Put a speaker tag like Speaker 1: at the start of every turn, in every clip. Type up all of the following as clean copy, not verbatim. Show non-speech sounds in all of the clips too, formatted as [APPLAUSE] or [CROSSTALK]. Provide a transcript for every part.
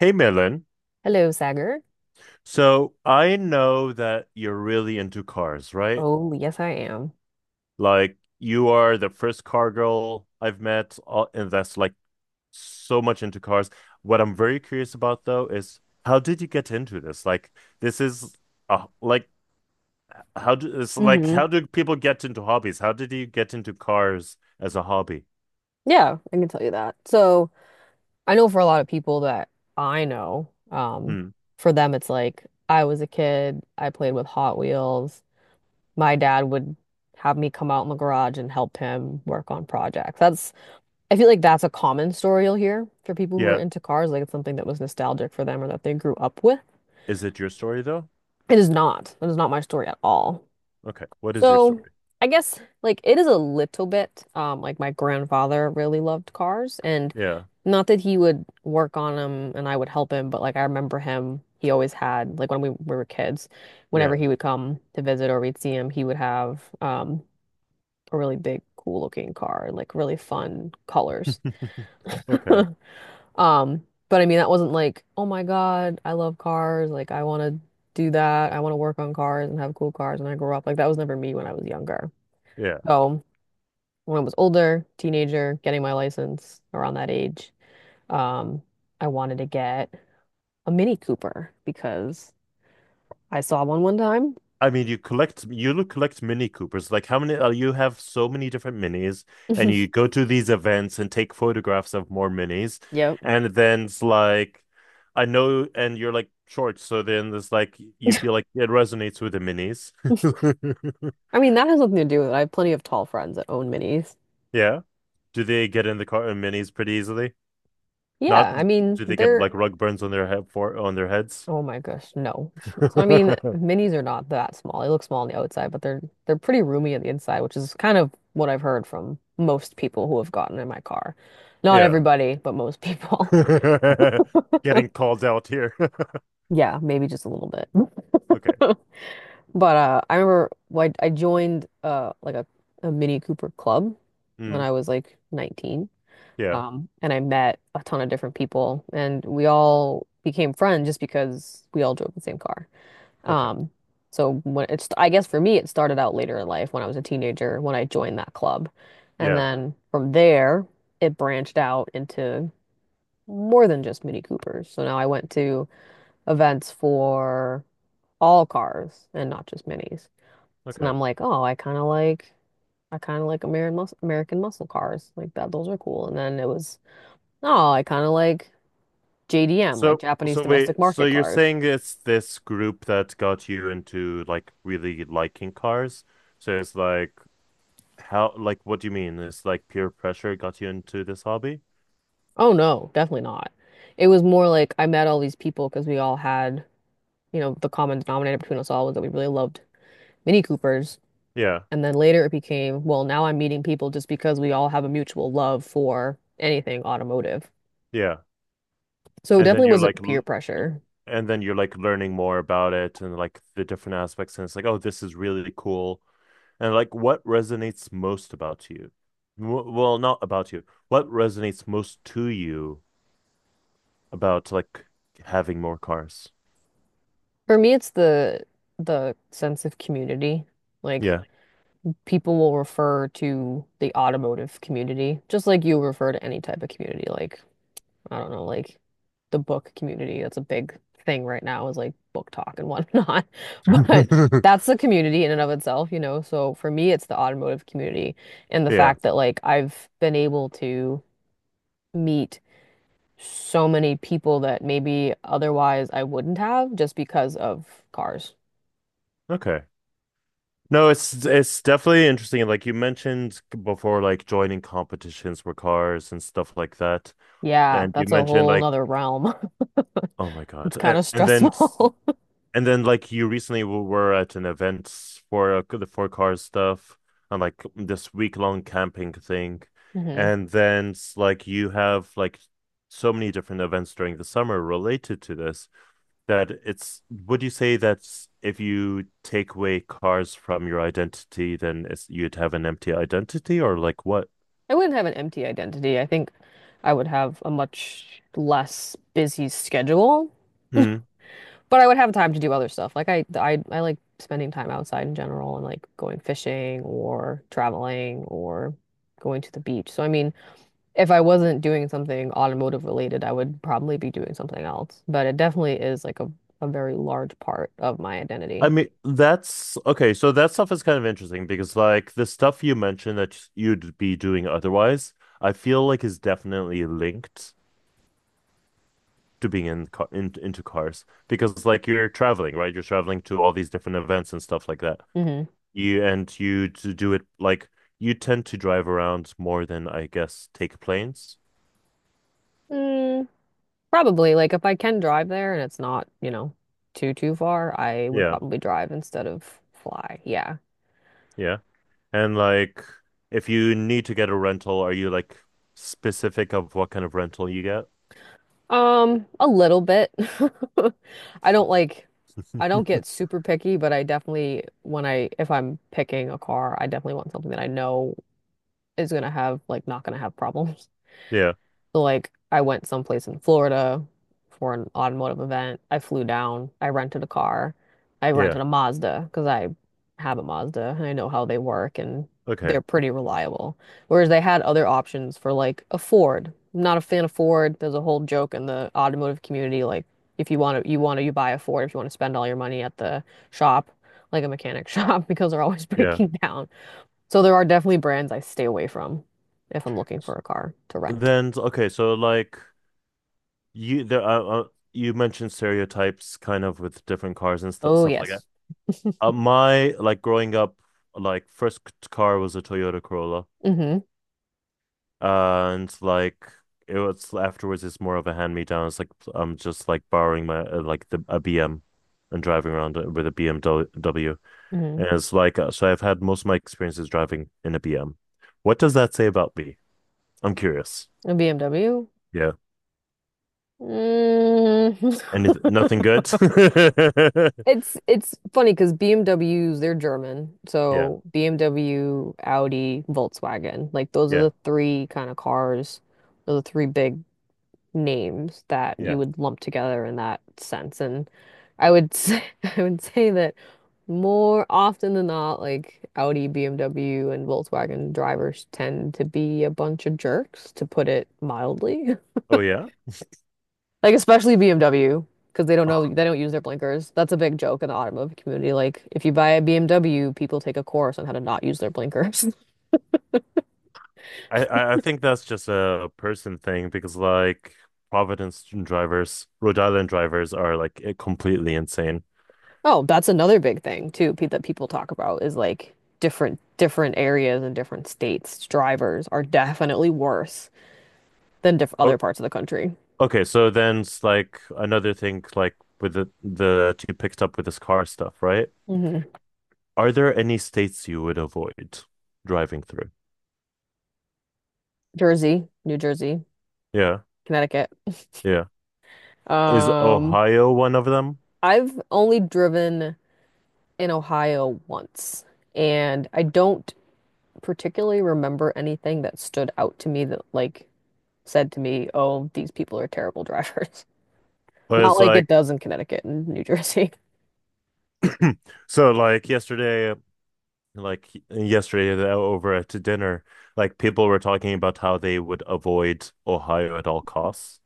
Speaker 1: Hey, Milan.
Speaker 2: Hello, Sagar.
Speaker 1: So I know that you're really into cars, right?
Speaker 2: Oh, yes, I am.
Speaker 1: Like you are the first car girl I've met, and that's like so much into cars. What I'm very curious about though is how did you get into this? Like this is like how do it's like
Speaker 2: Hmm
Speaker 1: How do people get into hobbies? How did you get into cars as a hobby?
Speaker 2: Yeah, I can tell you that. So I know for a lot of people that I know, um,
Speaker 1: Hmm.
Speaker 2: for them it's like I was a kid, I played with Hot Wheels. My dad would have me come out in the garage and help him work on projects. That's I feel like that's a common story you'll hear for people who are
Speaker 1: Yeah.
Speaker 2: into cars, like it's something that was nostalgic for them or that they grew up with.
Speaker 1: Is it your story though?
Speaker 2: It is not. That is not my story at all.
Speaker 1: Okay. What is your
Speaker 2: So
Speaker 1: story?
Speaker 2: I guess like it is a little bit like my grandfather really loved cars and
Speaker 1: Yeah.
Speaker 2: not that he would work on them and I would help him, but like I remember him, he always had like when we were kids, whenever
Speaker 1: Yeah.
Speaker 2: he would come to visit or we'd see him, he would have a really big cool looking car, like really fun colors. [LAUGHS]
Speaker 1: [LAUGHS] Okay.
Speaker 2: But I mean that wasn't like, oh my God, I love cars, like I want to do that. I want to work on cars and have cool cars when I grow up. Like that was never me when I was younger.
Speaker 1: Yeah.
Speaker 2: So when I was older, teenager, getting my license around that age, um, I wanted to get a Mini Cooper because I saw one one time.
Speaker 1: I mean, you collect you look collect Mini Coopers. Like how many you have so many different minis, and you
Speaker 2: [LAUGHS]
Speaker 1: go to these events and take photographs of more minis,
Speaker 2: Yep.
Speaker 1: and then it's like I know, and you're like short, so then there's like you
Speaker 2: [LAUGHS]
Speaker 1: feel like it resonates with the minis. [LAUGHS]
Speaker 2: I mean, that has nothing to do with it. I have plenty of tall friends that own minis.
Speaker 1: Yeah. Do they get in the car in minis pretty easily? Not
Speaker 2: Yeah, I mean,
Speaker 1: Do they get
Speaker 2: they're,
Speaker 1: like rug burns on their head for on their heads?
Speaker 2: oh my gosh, no. [LAUGHS] So I mean,
Speaker 1: [LAUGHS]
Speaker 2: minis are not that small. They look small on the outside, but they're pretty roomy on the inside, which is kind of what I've heard from most people who have gotten in my car. Not
Speaker 1: Yeah.
Speaker 2: everybody, but most people. [LAUGHS]
Speaker 1: [LAUGHS] Getting called out here. [LAUGHS]
Speaker 2: Yeah, maybe just a little bit.
Speaker 1: Okay.
Speaker 2: [LAUGHS] But I remember well, I joined like a Mini Cooper club when
Speaker 1: Mm.
Speaker 2: I was like 19.
Speaker 1: Yeah.
Speaker 2: And I met a ton of different people, and we all became friends just because we all drove the same car.
Speaker 1: Okay.
Speaker 2: Um, so when it's I guess for me it started out later in life when I was a teenager when I joined that club, and
Speaker 1: Yeah.
Speaker 2: then from there it branched out into more than just Mini Coopers. So now I went to events for all cars and not just minis. And
Speaker 1: Okay.
Speaker 2: I'm like, oh, I kind of like American muscle cars. Like that, those are cool. And then it was, oh, I kind of like JDM, like
Speaker 1: So,
Speaker 2: Japanese
Speaker 1: so
Speaker 2: domestic
Speaker 1: wait, so
Speaker 2: market
Speaker 1: you're
Speaker 2: cars.
Speaker 1: saying it's this group that got you into like really liking cars? So it's like how, like, what do you mean? It's like peer pressure got you into this hobby?
Speaker 2: Oh no, definitely not. It was more like I met all these people because we all had, you know, the common denominator between us all was that we really loved Mini Coopers.
Speaker 1: Yeah,
Speaker 2: And then later it became, well, now I'm meeting people just because we all have a mutual love for anything automotive.
Speaker 1: yeah.
Speaker 2: So it
Speaker 1: And then
Speaker 2: definitely wasn't peer pressure.
Speaker 1: and then you're like learning more about it and like the different aspects, and it's like, oh, this is really cool. And like, what resonates most about you? W well, not about you. What resonates most to you about like having more cars?
Speaker 2: For me, it's the sense of community. Like
Speaker 1: Yeah.
Speaker 2: people will refer to the automotive community, just like you refer to any type of community. Like, I don't know, like the book community. That's a big thing right now is like book talk and whatnot. [LAUGHS] But that's
Speaker 1: [LAUGHS]
Speaker 2: the community in and of itself, you know. So for me, it's the automotive community and the
Speaker 1: Yeah.
Speaker 2: fact that like I've been able to meet so many people that maybe otherwise I wouldn't have just because of cars.
Speaker 1: Okay. No, it's definitely interesting. Like you mentioned before, like joining competitions for cars and stuff like that.
Speaker 2: Yeah,
Speaker 1: And you
Speaker 2: that's a
Speaker 1: mentioned
Speaker 2: whole
Speaker 1: like,
Speaker 2: nother realm. [LAUGHS]
Speaker 1: oh my
Speaker 2: It's
Speaker 1: God.
Speaker 2: kind
Speaker 1: And,
Speaker 2: of
Speaker 1: and then
Speaker 2: stressful.
Speaker 1: and then like you recently were at an event for the for car stuff and like this week long camping thing.
Speaker 2: [LAUGHS] Mhm.
Speaker 1: And then like you have like so many different events during the summer related to this. That it's Would you say that if you take away cars from your identity, you'd have an empty identity or like what?
Speaker 2: I wouldn't have an empty identity. I think I would have a much less busy schedule,
Speaker 1: Hmm.
Speaker 2: but I would have time to do other stuff. Like I like spending time outside in general and like going fishing or traveling or going to the beach. So I mean, if I wasn't doing something automotive related, I would probably be doing something else. But it definitely is like a very large part of my
Speaker 1: I
Speaker 2: identity.
Speaker 1: mean, that's okay. So that stuff is kind of interesting because like the stuff you mentioned that you'd be doing otherwise, I feel like is definitely linked to being in into cars because like you're traveling, right? You're traveling to all these different events and stuff like that. You and you to do it like You tend to drive around more than I guess take planes.
Speaker 2: Mm-hmm. Probably, like if I can drive there and it's not, you know, too far, I would
Speaker 1: Yeah,
Speaker 2: probably drive instead of fly. Yeah.
Speaker 1: yeah. And like if you need to get a rental, are you like specific of what kind of rental you get?
Speaker 2: A little bit. [LAUGHS] I don't like I don't get
Speaker 1: [LAUGHS]
Speaker 2: super picky, but I definitely when I if I'm picking a car, I definitely want something that I know is gonna have like not gonna have problems.
Speaker 1: Yeah,
Speaker 2: So like I went someplace in Florida for an automotive event. I flew down. I rented a car. I rented
Speaker 1: yeah.
Speaker 2: a Mazda because I have a Mazda and I know how they work and
Speaker 1: Okay.
Speaker 2: they're pretty reliable. Whereas they had other options for like a Ford. Not a fan of Ford. There's a whole joke in the automotive community like if you want to you buy a Ford if you want to spend all your money at the shop like a mechanic [LAUGHS] shop because they're always [LAUGHS]
Speaker 1: Yeah.
Speaker 2: breaking down. So there are definitely brands I stay away from if I'm looking for a car to rent.
Speaker 1: Then okay, so like you there uh, uh, you mentioned stereotypes kind of with different cars and
Speaker 2: Oh,
Speaker 1: stuff like that.
Speaker 2: yes.
Speaker 1: My like growing up like first car was a Toyota Corolla.
Speaker 2: hmm
Speaker 1: And like it was afterwards, it's more of a hand-me-down. It's like I'm just like borrowing my like the a BM and driving around with a BMW.
Speaker 2: hmm
Speaker 1: And it's like so I've had most of my experiences driving in a BM. What does that say about me? I'm curious.
Speaker 2: A BMW.
Speaker 1: Yeah.
Speaker 2: Mm. [LAUGHS]
Speaker 1: Anything, nothing good? [LAUGHS]
Speaker 2: It's funny because BMWs, they're German.
Speaker 1: Yeah.
Speaker 2: So BMW, Audi, Volkswagen, like those are
Speaker 1: Yeah.
Speaker 2: the three kind of cars, those are the three big names that you
Speaker 1: Yeah.
Speaker 2: would lump together in that sense. And I would say, [LAUGHS] I would say that more often than not, like Audi, BMW, and Volkswagen drivers tend to be a bunch of jerks, to put it mildly. [LAUGHS]
Speaker 1: Oh yeah.
Speaker 2: Like especially BMW because
Speaker 1: Oh,
Speaker 2: they don't use their blinkers. That's a big joke in the automotive community. Like if you buy a BMW, people take a course on how to not use their blinkers. [LAUGHS]
Speaker 1: I think that's just a person thing because like Providence drivers, Rhode Island drivers are like completely insane.
Speaker 2: Oh, that's another big thing too pe that people talk about is like different areas and different states. Drivers are definitely worse than diff
Speaker 1: Oh,
Speaker 2: other parts of the country.
Speaker 1: okay, so then it's like another thing, like with the that you picked up with this car stuff, right?
Speaker 2: Hmm
Speaker 1: Are there any states you would avoid driving through?
Speaker 2: Jersey, New Jersey,
Speaker 1: Yeah,
Speaker 2: Connecticut.
Speaker 1: yeah. Is
Speaker 2: Um,
Speaker 1: Ohio one of them?
Speaker 2: I've only driven in Ohio once, and I don't particularly remember anything that stood out to me that like said to me, "Oh, these people are terrible drivers." [LAUGHS]
Speaker 1: Or
Speaker 2: Not
Speaker 1: is
Speaker 2: like it
Speaker 1: like
Speaker 2: does in Connecticut and New Jersey. [LAUGHS]
Speaker 1: so like yesterday over at dinner, like people were talking about how they would avoid Ohio at all costs.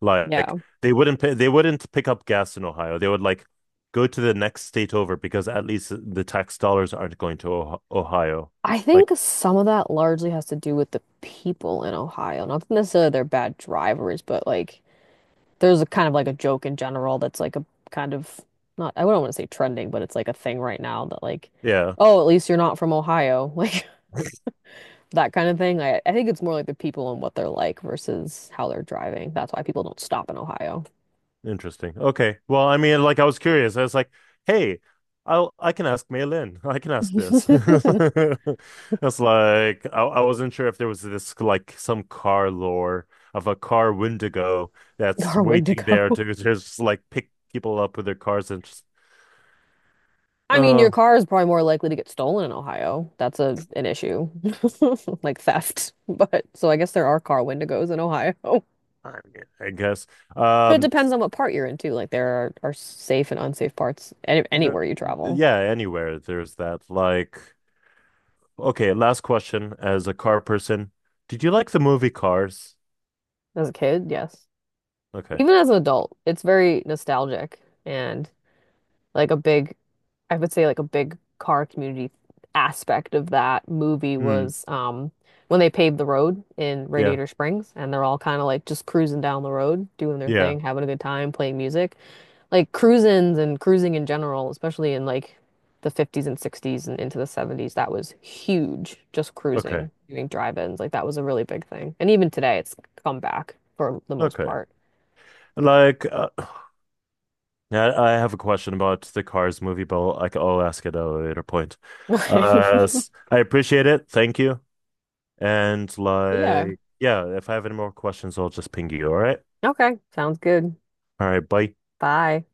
Speaker 1: Like
Speaker 2: Yeah.
Speaker 1: they wouldn't pay, they wouldn't pick up gas in Ohio. They would like go to the next state over because at least the tax dollars aren't going to oh Ohio.
Speaker 2: I
Speaker 1: Like,
Speaker 2: think some of that largely has to do with the people in Ohio. Not necessarily they're bad drivers, but like there's a kind of like a joke in general that's like a kind of not I wouldn't want to say trending, but it's like a thing right now that like,
Speaker 1: yeah,
Speaker 2: oh, at least you're not from Ohio. [LAUGHS] Like that kind of thing. I think it's more like the people and what they're like versus how they're driving. That's why people don't stop in Ohio
Speaker 1: interesting. Okay. Well, I mean, like I was curious. I was like, hey, I can ask Mei Lin. [LAUGHS] I can ask this. [LAUGHS]
Speaker 2: [LAUGHS]
Speaker 1: That's like I wasn't sure if there was this like some car lore of a car Wendigo that's
Speaker 2: or
Speaker 1: waiting there
Speaker 2: Wendigo.
Speaker 1: to just like pick people up with their cars and just
Speaker 2: I mean, your
Speaker 1: oh
Speaker 2: car is probably more likely to get stolen in Ohio. That's a an issue, [LAUGHS] like theft. But so I guess there are car Wendigos in Ohio. [LAUGHS]
Speaker 1: I mean, I guess.
Speaker 2: But it
Speaker 1: Um,
Speaker 2: depends on what part you're into. Like are safe and unsafe parts
Speaker 1: there,
Speaker 2: anywhere you travel.
Speaker 1: yeah, anywhere there's that. Like, okay, last question as a car person. Did you like the movie Cars?
Speaker 2: As a kid, yes.
Speaker 1: Okay.
Speaker 2: Even as an adult, it's very nostalgic and like a big, I would say like a big car community aspect of that movie
Speaker 1: Hmm.
Speaker 2: was when they paved the road in
Speaker 1: Yeah.
Speaker 2: Radiator Springs and they're all kind of like just cruising down the road, doing their
Speaker 1: Yeah.
Speaker 2: thing, having a good time, playing music. Like cruisins and cruising in general, especially in like the 50s and 60s and into the 70s, that was huge. Just
Speaker 1: Okay.
Speaker 2: cruising, doing drive-ins, like that was a really big thing. And even today, it's come back for the most
Speaker 1: Okay.
Speaker 2: part.
Speaker 1: Like, [SIGHS] I have a question about the Cars movie, but I I'll ask it at a later point.
Speaker 2: [LAUGHS]
Speaker 1: I appreciate it. Thank you. And
Speaker 2: Yeah.
Speaker 1: like, yeah, if I have any more questions, I'll just ping you. All right.
Speaker 2: Okay. Sounds good.
Speaker 1: All right. Bye.
Speaker 2: Bye.